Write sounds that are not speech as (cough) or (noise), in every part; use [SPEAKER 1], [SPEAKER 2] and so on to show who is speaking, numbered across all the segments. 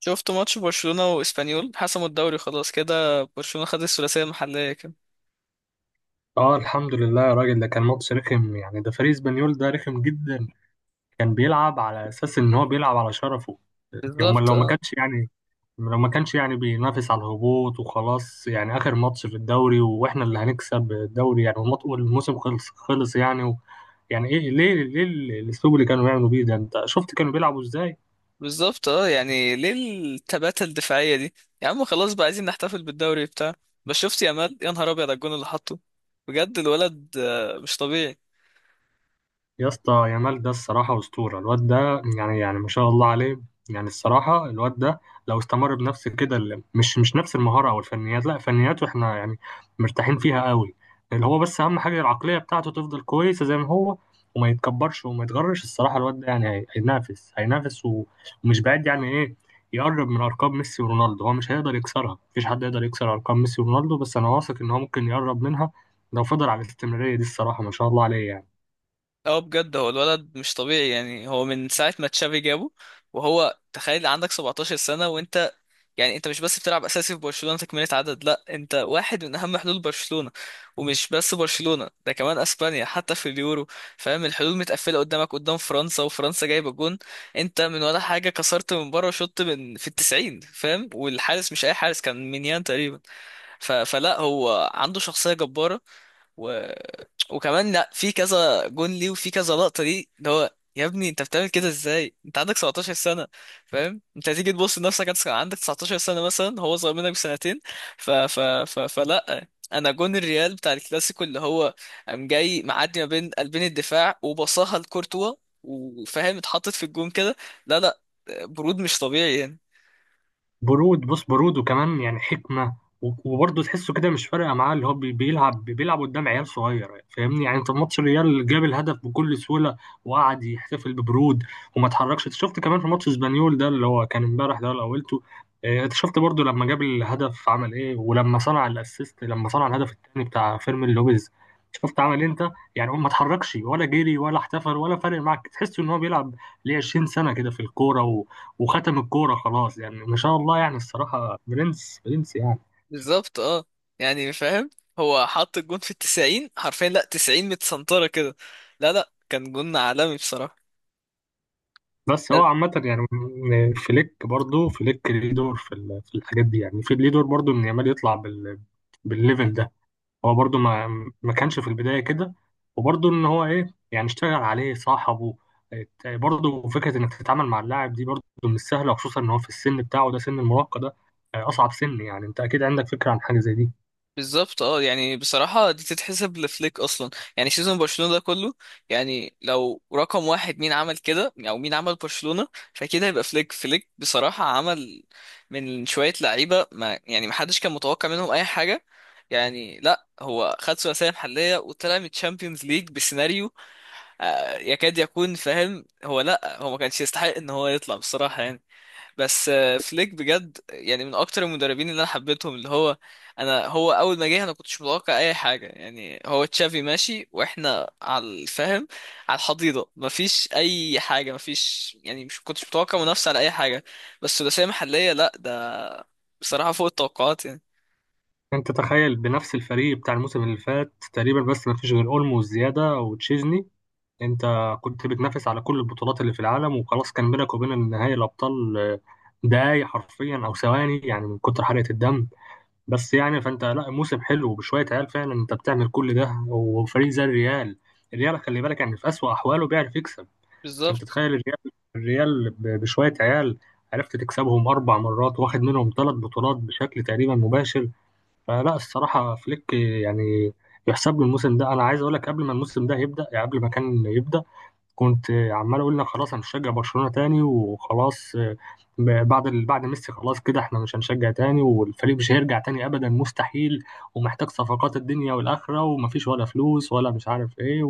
[SPEAKER 1] شفت ماتش برشلونة واسبانيول، حسموا الدوري خلاص كده. برشلونة خد الثلاثية المحلية كده.
[SPEAKER 2] اه، الحمد لله يا راجل. ده كان ماتش رخم، يعني ده فريق اسبانيول ده رخم جدا. كان بيلعب على اساس ان هو بيلعب على شرفه. يوم
[SPEAKER 1] بالظبط
[SPEAKER 2] لو ما
[SPEAKER 1] اه.
[SPEAKER 2] كانش يعني لو ما كانش يعني بينافس على الهبوط، وخلاص. يعني اخر ماتش في الدوري واحنا اللي هنكسب الدوري، يعني، والموسم خلص يعني. و يعني ايه ليه الاسلوب اللي كانوا بيعملوا بيه ده؟ انت شفت كانوا بيلعبوا ازاي؟
[SPEAKER 1] بالظبط اه، يعني ليه التباتة الدفاعية دي؟ يا عم خلاص بقى، عايزين نحتفل بالدوري بتاع. بس شفت يامال؟ يا نهار ابيض على الجون اللي حطه! بجد الولد، مش طبيعي.
[SPEAKER 2] يا اسطى يامال، ده الصراحة أسطورة الواد ده، يعني ما شاء الله عليه. يعني الصراحة الواد ده لو استمر بنفس كده، مش نفس المهارة أو الفنيات، لا فنياته احنا يعني مرتاحين فيها قوي. اللي هو بس أهم حاجة العقلية بتاعته تفضل كويسة زي ما هو، وما يتكبرش وما يتغرش. الصراحة الواد ده يعني هينافس ومش بعيد يعني إيه يقرب من أرقام ميسي ورونالدو. هو مش هيقدر يكسرها، مفيش حد يقدر يكسر أرقام ميسي ورونالدو، بس أنا واثق إن هو ممكن يقرب منها لو فضل على الاستمرارية دي. الصراحة ما شاء الله عليه يعني.
[SPEAKER 1] اه بجد هو الولد مش طبيعي يعني، هو من ساعة ما تشافي جابه. وهو تخيل، عندك 17 سنة وانت يعني، انت مش بس بتلعب اساسي في برشلونة تكملة عدد، لا انت واحد من اهم حلول برشلونة. ومش بس برشلونة، ده كمان اسبانيا حتى في اليورو، فاهم؟ الحلول متقفلة قدامك، قدام فرنسا، وفرنسا جايبة جون، انت من ولا حاجة كسرت من بره شوط من في التسعين، فاهم؟ والحارس مش اي حارس، كان مينيان تقريبا. فلا، هو عنده شخصية جبارة. و... وكمان لا، في كذا جون ليه، وفي كذا لقطة ليه، اللي هو يا ابني انت بتعمل كده ازاي؟ انت عندك 17 سنة، فاهم؟ انت هتيجي تبص لنفسك، عندك 19 سنة مثلا، هو صغير منك بسنتين. فلا، انا جون الريال بتاع الكلاسيكو اللي هو، قام جاي معدي ما بين قلبين الدفاع وبصاها لكورتوا، وفاهم اتحطت في الجون كده. لا لا، برود مش طبيعي يعني.
[SPEAKER 2] برود، بص، برود وكمان يعني حكمة. وبرضه تحسه كده مش فارقة معاه. اللي هو بيلعب قدام عيال صغيرة، فاهمني؟ يعني انت في ماتش الريال جاب الهدف بكل سهولة وقعد يحتفل ببرود وما اتحركش. انت شفت كمان في ماتش اسبانيول ده اللي هو كان امبارح ده اللي قولته، اه، انت شفت برضه لما جاب الهدف عمل ايه، ولما صنع الاسيست، لما صنع الهدف التاني بتاع فيرمين لوبيز شفت عمل ايه انت؟ يعني هو ما اتحركش ولا جري ولا احتفل، ولا فارق معاك، تحس ان هو بيلعب ليه 20 سنة كده في الكورة وختم الكورة خلاص. يعني ما شاء الله، يعني الصراحة برنس برنس يعني.
[SPEAKER 1] بالظبط اه، يعني فاهم، هو حط الجون في التسعين حرفيا، لا تسعين متسنطرة كده. لا لا، كان جون عالمي بصراحة.
[SPEAKER 2] بس هو عامة يعني، فليك برضه فليك ليه دور في في الحاجات دي. يعني في ليه دور برضه إن يامال يطلع بالليفل ده. هو برضه ما كانش في البداية كده، وبرضه إن هو إيه، يعني اشتغل عليه صاحبه. برضه فكرة إنك تتعامل مع اللاعب دي برضه مش سهلة، وخصوصا إن هو في السن بتاعه ده، سن المراهقة ده، أصعب سن، يعني أنت أكيد عندك فكرة عن حاجة زي دي.
[SPEAKER 1] بالظبط اه، يعني بصراحة دي تتحسب لفليك أصلا، يعني سيزون برشلونة ده كله. يعني لو رقم واحد مين عمل كده، أو مين عمل برشلونة، فكده يبقى فليك بصراحة عمل من شوية لعيبة ما، يعني محدش كان متوقع منهم أي حاجة. يعني لا، هو خد ثلاثية محلية وطلع من الشامبيونز ليج بسيناريو يكاد يكون، فاهم؟ هو لا، هو ما كانش يستحق ان هو يطلع بصراحة يعني. بس فليك بجد يعني، من اكتر المدربين اللي انا حبيتهم، اللي هو انا، هو اول ما جه انا كنتش متوقع اي حاجه يعني. هو تشافي ماشي واحنا على الفهم، على الحضيضه، مفيش اي حاجه، مفيش يعني. مش كنتش متوقع منافسه على اي حاجه، بس ثلاثيه محليه، لا ده بصراحه فوق التوقعات يعني.
[SPEAKER 2] انت تخيل بنفس الفريق بتاع الموسم اللي فات تقريبا، بس ما فيش غير اولمو وزياده وتشيزني. انت كنت بتنافس على كل البطولات اللي في العالم، وخلاص كان بينك وبين النهائي الابطال دقايق حرفيا او ثواني، يعني من كتر حرقه الدم. بس يعني فانت، لا، موسم حلو، وبشويه عيال فعلا انت بتعمل كل ده، وفريق زي الريال. الريال خلي بالك يعني في اسوأ احواله بيعرف يكسب. انت
[SPEAKER 1] بالظبط.
[SPEAKER 2] تخيل الريال، الريال بشويه عيال عرفت تكسبهم 4 مرات، واخد منهم 3 بطولات بشكل تقريبا مباشر. فلا الصراحة فليك يعني يحسب له الموسم ده. أنا عايز أقول لك قبل ما الموسم ده يبدأ، يعني قبل ما كان يبدأ، كنت عمال أقول لك خلاص أنا مش هشجع برشلونة تاني وخلاص، بعد بعد ميسي خلاص كده إحنا مش هنشجع تاني، والفريق مش هيرجع تاني أبدا، مستحيل. ومحتاج صفقات الدنيا والآخرة، ومفيش ولا فلوس، ولا مش عارف إيه،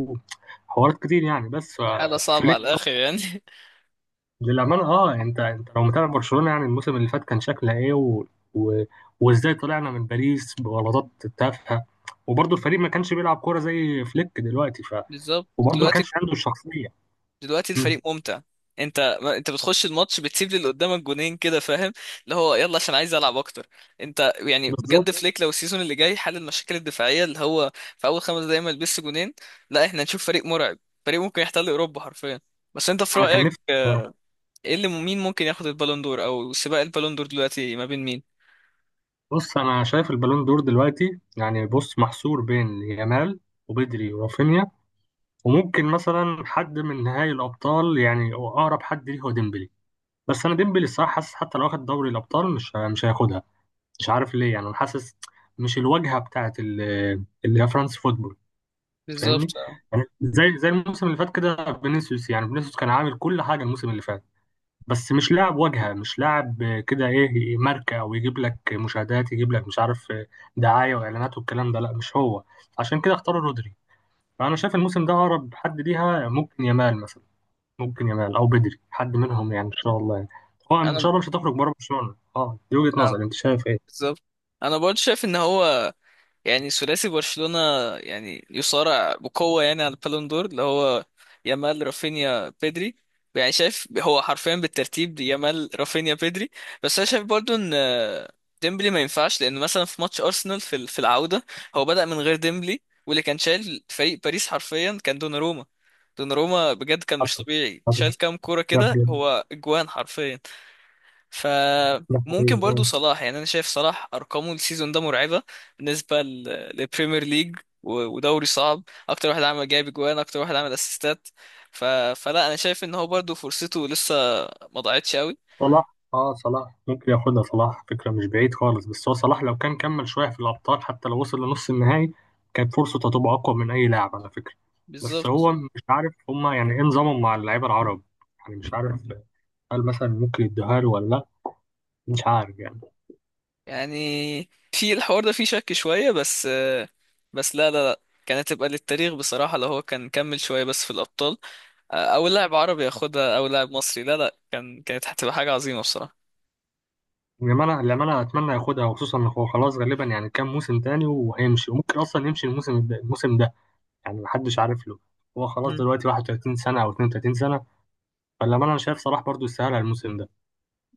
[SPEAKER 2] وحوارات كتير يعني. بس
[SPEAKER 1] الحاله صعبه على
[SPEAKER 2] فليك،
[SPEAKER 1] الاخر يعني.
[SPEAKER 2] للأمانة اه، انت، انت لو متابع برشلونة يعني الموسم اللي فات كان شكلها ايه، و... وازاي طلعنا من باريس بغلطات تافهة، وبرضه الفريق ما كانش بيلعب كورة زي فليك دلوقتي، ف،
[SPEAKER 1] (laughs) بالظبط.
[SPEAKER 2] وبرضه ما
[SPEAKER 1] دلوقتي،
[SPEAKER 2] كانش عنده الشخصية.
[SPEAKER 1] دلوقتي
[SPEAKER 2] مم.
[SPEAKER 1] الفريق ممتع. انت ما انت بتخش الماتش بتسيب للي قدامك جونين كده، فاهم؟ اللي هو يلا، عشان عايز العب اكتر. انت يعني
[SPEAKER 2] بالظبط.
[SPEAKER 1] بجد، فليك لو السيزون اللي جاي حل المشاكل الدفاعيه، اللي هو في اول 5 دقايق ما يلبس جونين، لا احنا هنشوف فريق مرعب، فريق ممكن يحتل اوروبا حرفيا. بس انت في
[SPEAKER 2] انا كان
[SPEAKER 1] رايك،
[SPEAKER 2] نفسي بصراحة.
[SPEAKER 1] ايه اللي، مين ممكن ياخد البالون دور، او سباق البالون دور دلوقتي ما بين مين؟
[SPEAKER 2] بص انا شايف البالون دور دلوقتي يعني، بص، محصور بين يامال وبدري ورافينيا، وممكن مثلا حد من نهائي الأبطال، يعني أقرب حد ليه هو ديمبلي، بس أنا ديمبلي الصراحة حاسس حتى لو واخد دوري الأبطال مش هياخدها. مش عارف ليه، يعني انا حاسس مش الواجهه بتاعت اللي هي فرانس فوتبول، فاهمني؟
[SPEAKER 1] بالظبط اه.
[SPEAKER 2] يعني زي الموسم اللي فات كده فينيسيوس، يعني فينيسيوس كان عامل كل حاجه الموسم اللي فات، بس مش لاعب واجهه، مش لاعب كده ايه، ماركه، او يجيب لك مشاهدات، يجيب لك مش عارف دعايه واعلانات والكلام ده، لا مش هو، عشان كده اختاروا رودري. فانا شايف الموسم ده اقرب حد ليها ممكن يامال مثلا، ممكن يامال او بدري، حد منهم يعني ان شاء الله يعني. هو ان شاء
[SPEAKER 1] انا
[SPEAKER 2] الله مش هتخرج بره برشلونه، اه، دي وجهه
[SPEAKER 1] اه،
[SPEAKER 2] نظري، انت شايف ايه؟
[SPEAKER 1] بالظبط، انا برضه شايف ان هو يعني، ثلاثي برشلونة يعني، يصارع بقوة يعني على البالون دور، اللي هو يامال رافينيا بيدري. يعني شايف هو حرفيا بالترتيب دي، يامال رافينيا بيدري. بس انا شايف برضو ان ديمبلي ما ينفعش، لان مثلا في ماتش ارسنال في في العودة، هو بدأ من غير ديمبلي، واللي كان شايل فريق باريس حرفيا كان دوناروما. دوناروما بجد كان مش طبيعي،
[SPEAKER 2] حصل.
[SPEAKER 1] شايل كام كورة
[SPEAKER 2] لا
[SPEAKER 1] كده،
[SPEAKER 2] بجد.
[SPEAKER 1] هو اجوان حرفيا.
[SPEAKER 2] لا حقيقي
[SPEAKER 1] فممكن برضو
[SPEAKER 2] آه.
[SPEAKER 1] صلاح، يعني انا شايف صلاح ارقامه السيزون ده مرعبه، بالنسبه للبريمير ليج. ودوري صعب، اكتر واحد عمل جايب اجوان، اكتر واحد عمل اسيستات. ف... فلا، انا شايف ان هو برضو فرصته لسه ما ضاعتش قوي.
[SPEAKER 2] صلاح ممكن ياخدها. صلاح فكرة مش بعيد خالص، بس هو صلاح لو كان كمل شوية في الأبطال، حتى لو وصل لنص النهائي، كانت فرصته هتبقى أقوى من أي لاعب على فكرة. بس
[SPEAKER 1] بالظبط.
[SPEAKER 2] هو مش عارف هما يعني إيه نظامهم مع اللعيبة العرب، يعني مش عارف هل مثلا ممكن يدوها له ولا لأ، مش عارف يعني.
[SPEAKER 1] يعني في الحوار ده فيه شك شويه بس. بس لا لا لا، كانت تبقى للتاريخ بصراحه لو هو كان كمل شويه بس في الابطال، او لاعب عربي ياخدها، او لاعب مصري. لا لا، كان كانت هتبقى حاجه عظيمه بصراحه.
[SPEAKER 2] إنما أنا لما أنا أتمنى ياخدها، وخصوصا إن هو خلاص غالبا يعني كام موسم تاني وهيمشي، وممكن أصلا يمشي الموسم ده، الموسم ده يعني محدش عارف له. هو خلاص
[SPEAKER 1] مم.
[SPEAKER 2] دلوقتي 31 سنة أو 32 سنة. فلما انا شايف صلاح برضو يستاهل الموسم ده.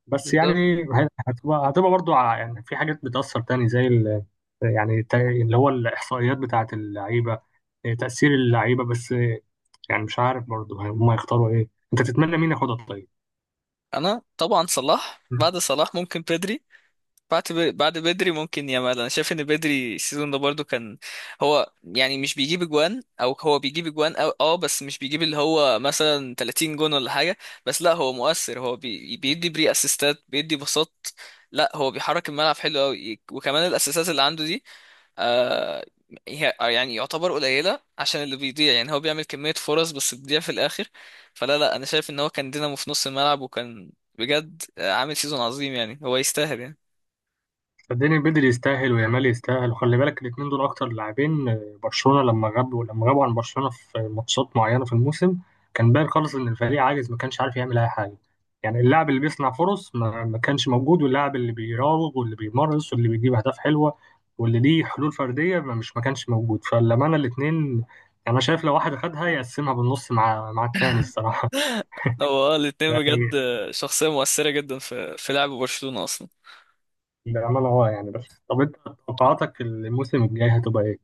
[SPEAKER 2] بس يعني
[SPEAKER 1] بالظبط.
[SPEAKER 2] هتبقى برضو، يعني في حاجات بتأثر تاني زي اللي هو الإحصائيات بتاعة اللعيبة، إيه، تأثير اللعيبة، بس إيه، يعني مش عارف برضو هم يختاروا ايه. انت تتمنى مين ياخدها طيب؟
[SPEAKER 1] انا طبعا صلاح، بعد صلاح ممكن بدري. بعد بدري ممكن يامال. انا شايف ان بدري السيزون ده برضو كان، هو يعني مش بيجيب اجوان، او هو بيجيب اجوان أو بس مش بيجيب اللي هو مثلا 30 جون ولا حاجه، بس لا هو مؤثر. هو بي بيدي بري اسيستات، بيدي باصات، لا هو بيحرك الملعب حلو قوي. وكمان الاسيستات اللي عنده دي، آه يعني يعتبر قليلة، عشان اللي بيضيع يعني، هو بيعمل كمية فرص بس بتضيع في الآخر. فلا لا، أنا شايف إن هو كان دينامو في نص الملعب، وكان بجد عامل سيزون عظيم، يعني هو يستاهل يعني.
[SPEAKER 2] صدقني بدري يستاهل ويامال يستاهل، وخلي بالك الاتنين دول اكتر لاعبين، برشلونة لما غابوا عن برشلونة في ماتشات معينة في الموسم كان باين خالص ان الفريق عاجز، ما كانش عارف يعمل اي حاجة. يعني اللاعب اللي بيصنع فرص ما كانش موجود، واللاعب اللي بيراوغ واللي بيمرس واللي بيجيب اهداف حلوة واللي ليه حلول فردية ما كانش موجود. فلما انا الاتنين يعني، انا شايف لو واحد خدها يقسمها بالنص مع التاني الصراحة.
[SPEAKER 1] هو
[SPEAKER 2] (laughs)
[SPEAKER 1] الاتنين
[SPEAKER 2] يعني
[SPEAKER 1] بجد، شخصية مؤثرة جدا في لعب برشلونة أصلا.
[SPEAKER 2] بأمانة اه يعني. بس طب انت توقعاتك الموسم الجاي هتبقى ايه؟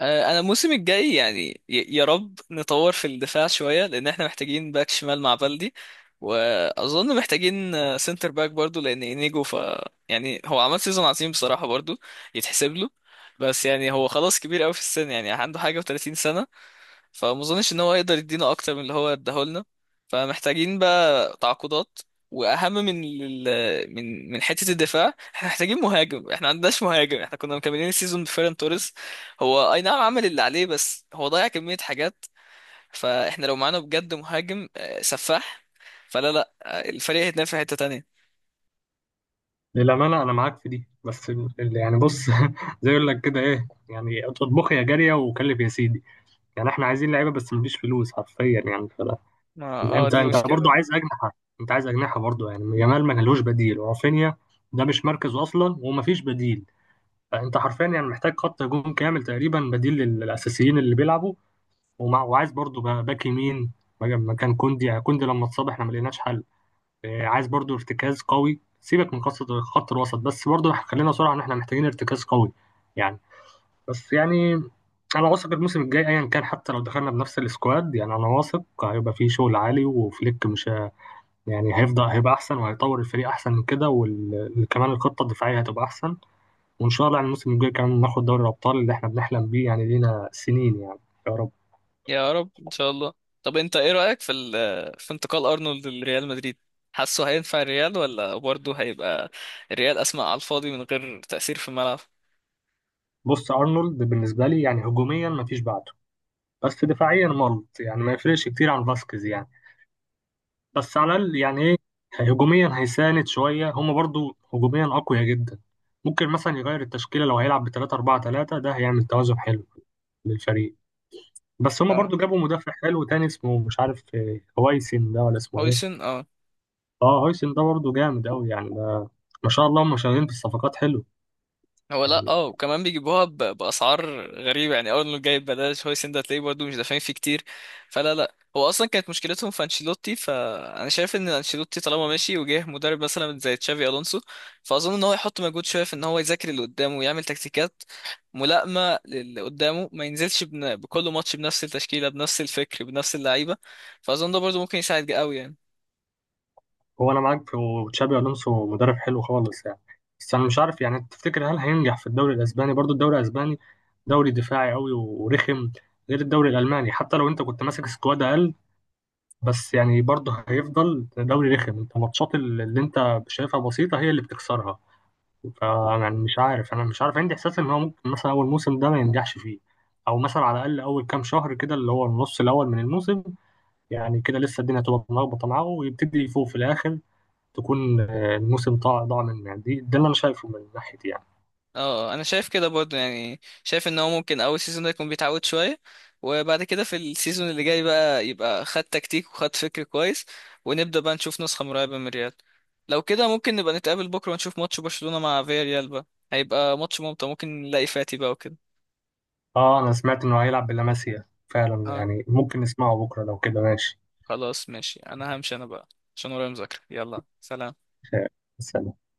[SPEAKER 1] انا الموسم الجاي يعني، يا رب نطور في الدفاع شويه، لان احنا محتاجين باك شمال مع بلدي. واظن محتاجين سنتر باك برضو، لان انيجو، ف يعني هو عمل سيزون عظيم بصراحه برضو، يتحسب له. بس يعني هو خلاص كبير قوي في السن، يعني عنده حاجه و30 سنه، فما اظنش ان هو يقدر يدينا اكتر من اللي هو اداهولنا. فمحتاجين بقى تعاقدات، واهم من من حته الدفاع، احنا محتاجين مهاجم. احنا ما عندناش مهاجم، احنا كنا مكملين السيزون بفيران توريس. هو اي نعم عمل اللي عليه، بس هو ضيع كميه حاجات. فاحنا لو معانا بجد مهاجم سفاح، فلا لا الفريق هيتنافس في حته تانية.
[SPEAKER 2] للأمانة أنا معاك في دي، بس يعني بص (laughs) زي يقول لك كده إيه، يعني اطبخ يا جارية وكلف يا سيدي. يعني إحنا عايزين لعيبة بس مفيش فلوس حرفيا يعني، فلا.
[SPEAKER 1] ما اه
[SPEAKER 2] أنت
[SPEAKER 1] دي
[SPEAKER 2] أنت برضو
[SPEAKER 1] مشكله.
[SPEAKER 2] عايز أجنحة، أنت عايز أجنحة برضو، يعني جمال ما لهوش بديل، ورافينيا ده مش مركزه أصلا ومفيش بديل. فأنت حرفيا يعني محتاج خط هجوم كامل تقريبا بديل للأساسيين اللي بيلعبوا. وعايز برضو باك يمين مكان كوندي، يعني كوندي لما اتصاب إحنا ما لقيناش حل. عايز برضو ارتكاز قوي، سيبك من قصة خط الوسط، بس برضو خلينا صراحة ان احنا محتاجين ارتكاز قوي يعني. بس يعني انا واثق الموسم الجاي ايا كان، حتى لو دخلنا بنفس السكواد، يعني انا واثق هيبقى فيه شغل عالي، وفليك مش يعني هيفضل، هيبقى احسن، وهيطور الفريق احسن من كده، وكمان الخطة الدفاعية هتبقى احسن. وان شاء الله يعني الموسم الجاي كمان ناخد دوري الابطال اللي احنا بنحلم بيه يعني لينا سنين يعني، يا رب.
[SPEAKER 1] يا رب ان شاء الله. طب انت ايه رأيك في في انتقال ارنولد لريال مدريد؟ حاسه هينفع الريال، ولا برضه هيبقى الريال اسمع على الفاضي من غير تأثير في الملعب؟
[SPEAKER 2] بص ارنولد بالنسبة لي يعني هجوميا مفيش بعده، بس دفاعيا ملط، يعني ما يفرقش كتير عن فاسكيز يعني، بس على
[SPEAKER 1] مم.
[SPEAKER 2] الأقل يعني إيه، هجوميا هيساند شوية. هما برضو هجوميا أقوياء جدا، ممكن مثلا يغير التشكيلة لو هيلعب ب3-4-3، ده هيعمل توازن حلو للفريق. بس هما
[SPEAKER 1] اه،
[SPEAKER 2] برضو جابوا مدافع حلو تاني، اسمه مش عارف هويسن ده ولا اسمه إيه.
[SPEAKER 1] هويسن اه.
[SPEAKER 2] أه هويسن ده برضو جامد أوي يعني، ده ما شاء الله، هما شغالين في الصفقات حلو
[SPEAKER 1] هو لا
[SPEAKER 2] يعني.
[SPEAKER 1] اه، وكمان بيجيبوها باسعار غريبه يعني. اول ما جايب بلاش هويسن ده، تلاقيه برضه مش دافعين فيه كتير. فلا لا، هو اصلا كانت مشكلتهم في انشيلوتي. فانا شايف ان انشيلوتي طالما ماشي، وجه مدرب مثلا زي تشافي الونسو، فاظن ان هو يحط مجهود شويه في ان هو يذاكر اللي قدامه، ويعمل تكتيكات ملائمه للي قدامه، ما ينزلش بكل ماتش بنفس التشكيله، بنفس الفكر، بنفس اللعيبه. فاظن ده برضه ممكن يساعد قوي يعني.
[SPEAKER 2] هو انا معاك في وتشابي الونسو مدرب حلو خالص يعني، بس انا مش عارف، يعني تفتكر هل هينجح في الدوري الاسباني؟ برضو الدوري الاسباني دوري دفاعي قوي ورخم، غير الدوري الالماني. حتى لو انت كنت ماسك سكواد اقل، بس يعني برضو هيفضل دوري رخم، انت الماتشات اللي انت شايفها بسيطه هي اللي بتكسرها. فانا مش عارف، انا مش عارف، عندي احساس ان هو ممكن مثلا اول موسم ده ما ينجحش فيه، او مثلا على الاقل اول كام شهر كده، اللي هو النص الاول من الموسم، يعني كده لسه الدنيا تبقى ملخبطه معاه ويبتدي يفوق في الاخر، تكون الموسم ضاع منه يعني. دي اللي انا شايفه من ناحيتي يعني.
[SPEAKER 1] اه انا شايف كده برضو، يعني شايف ان هو ممكن اول سيزون ده يكون بيتعود شويه، وبعد كده في السيزون اللي جاي بقى، يبقى خد تكتيك وخد فكر كويس، ونبدا بقى نشوف نسخه مرعبه من ريال. لو كده ممكن نبقى نتقابل بكره، ونشوف ماتش برشلونه مع فياريال بقى، هيبى ماتش ممتع. ممكن نلاقي فاتي بقى وكده.
[SPEAKER 2] اه انا سمعت انه هيلعب بلاماسيا فعلا،
[SPEAKER 1] اه
[SPEAKER 2] يعني ممكن نسمعه بكره لو كده ماشي.
[SPEAKER 1] خلاص ماشي، انا همشي انا بقى عشان ورايا مذاكره. يلا سلام.
[SPEAKER 2] آه، بس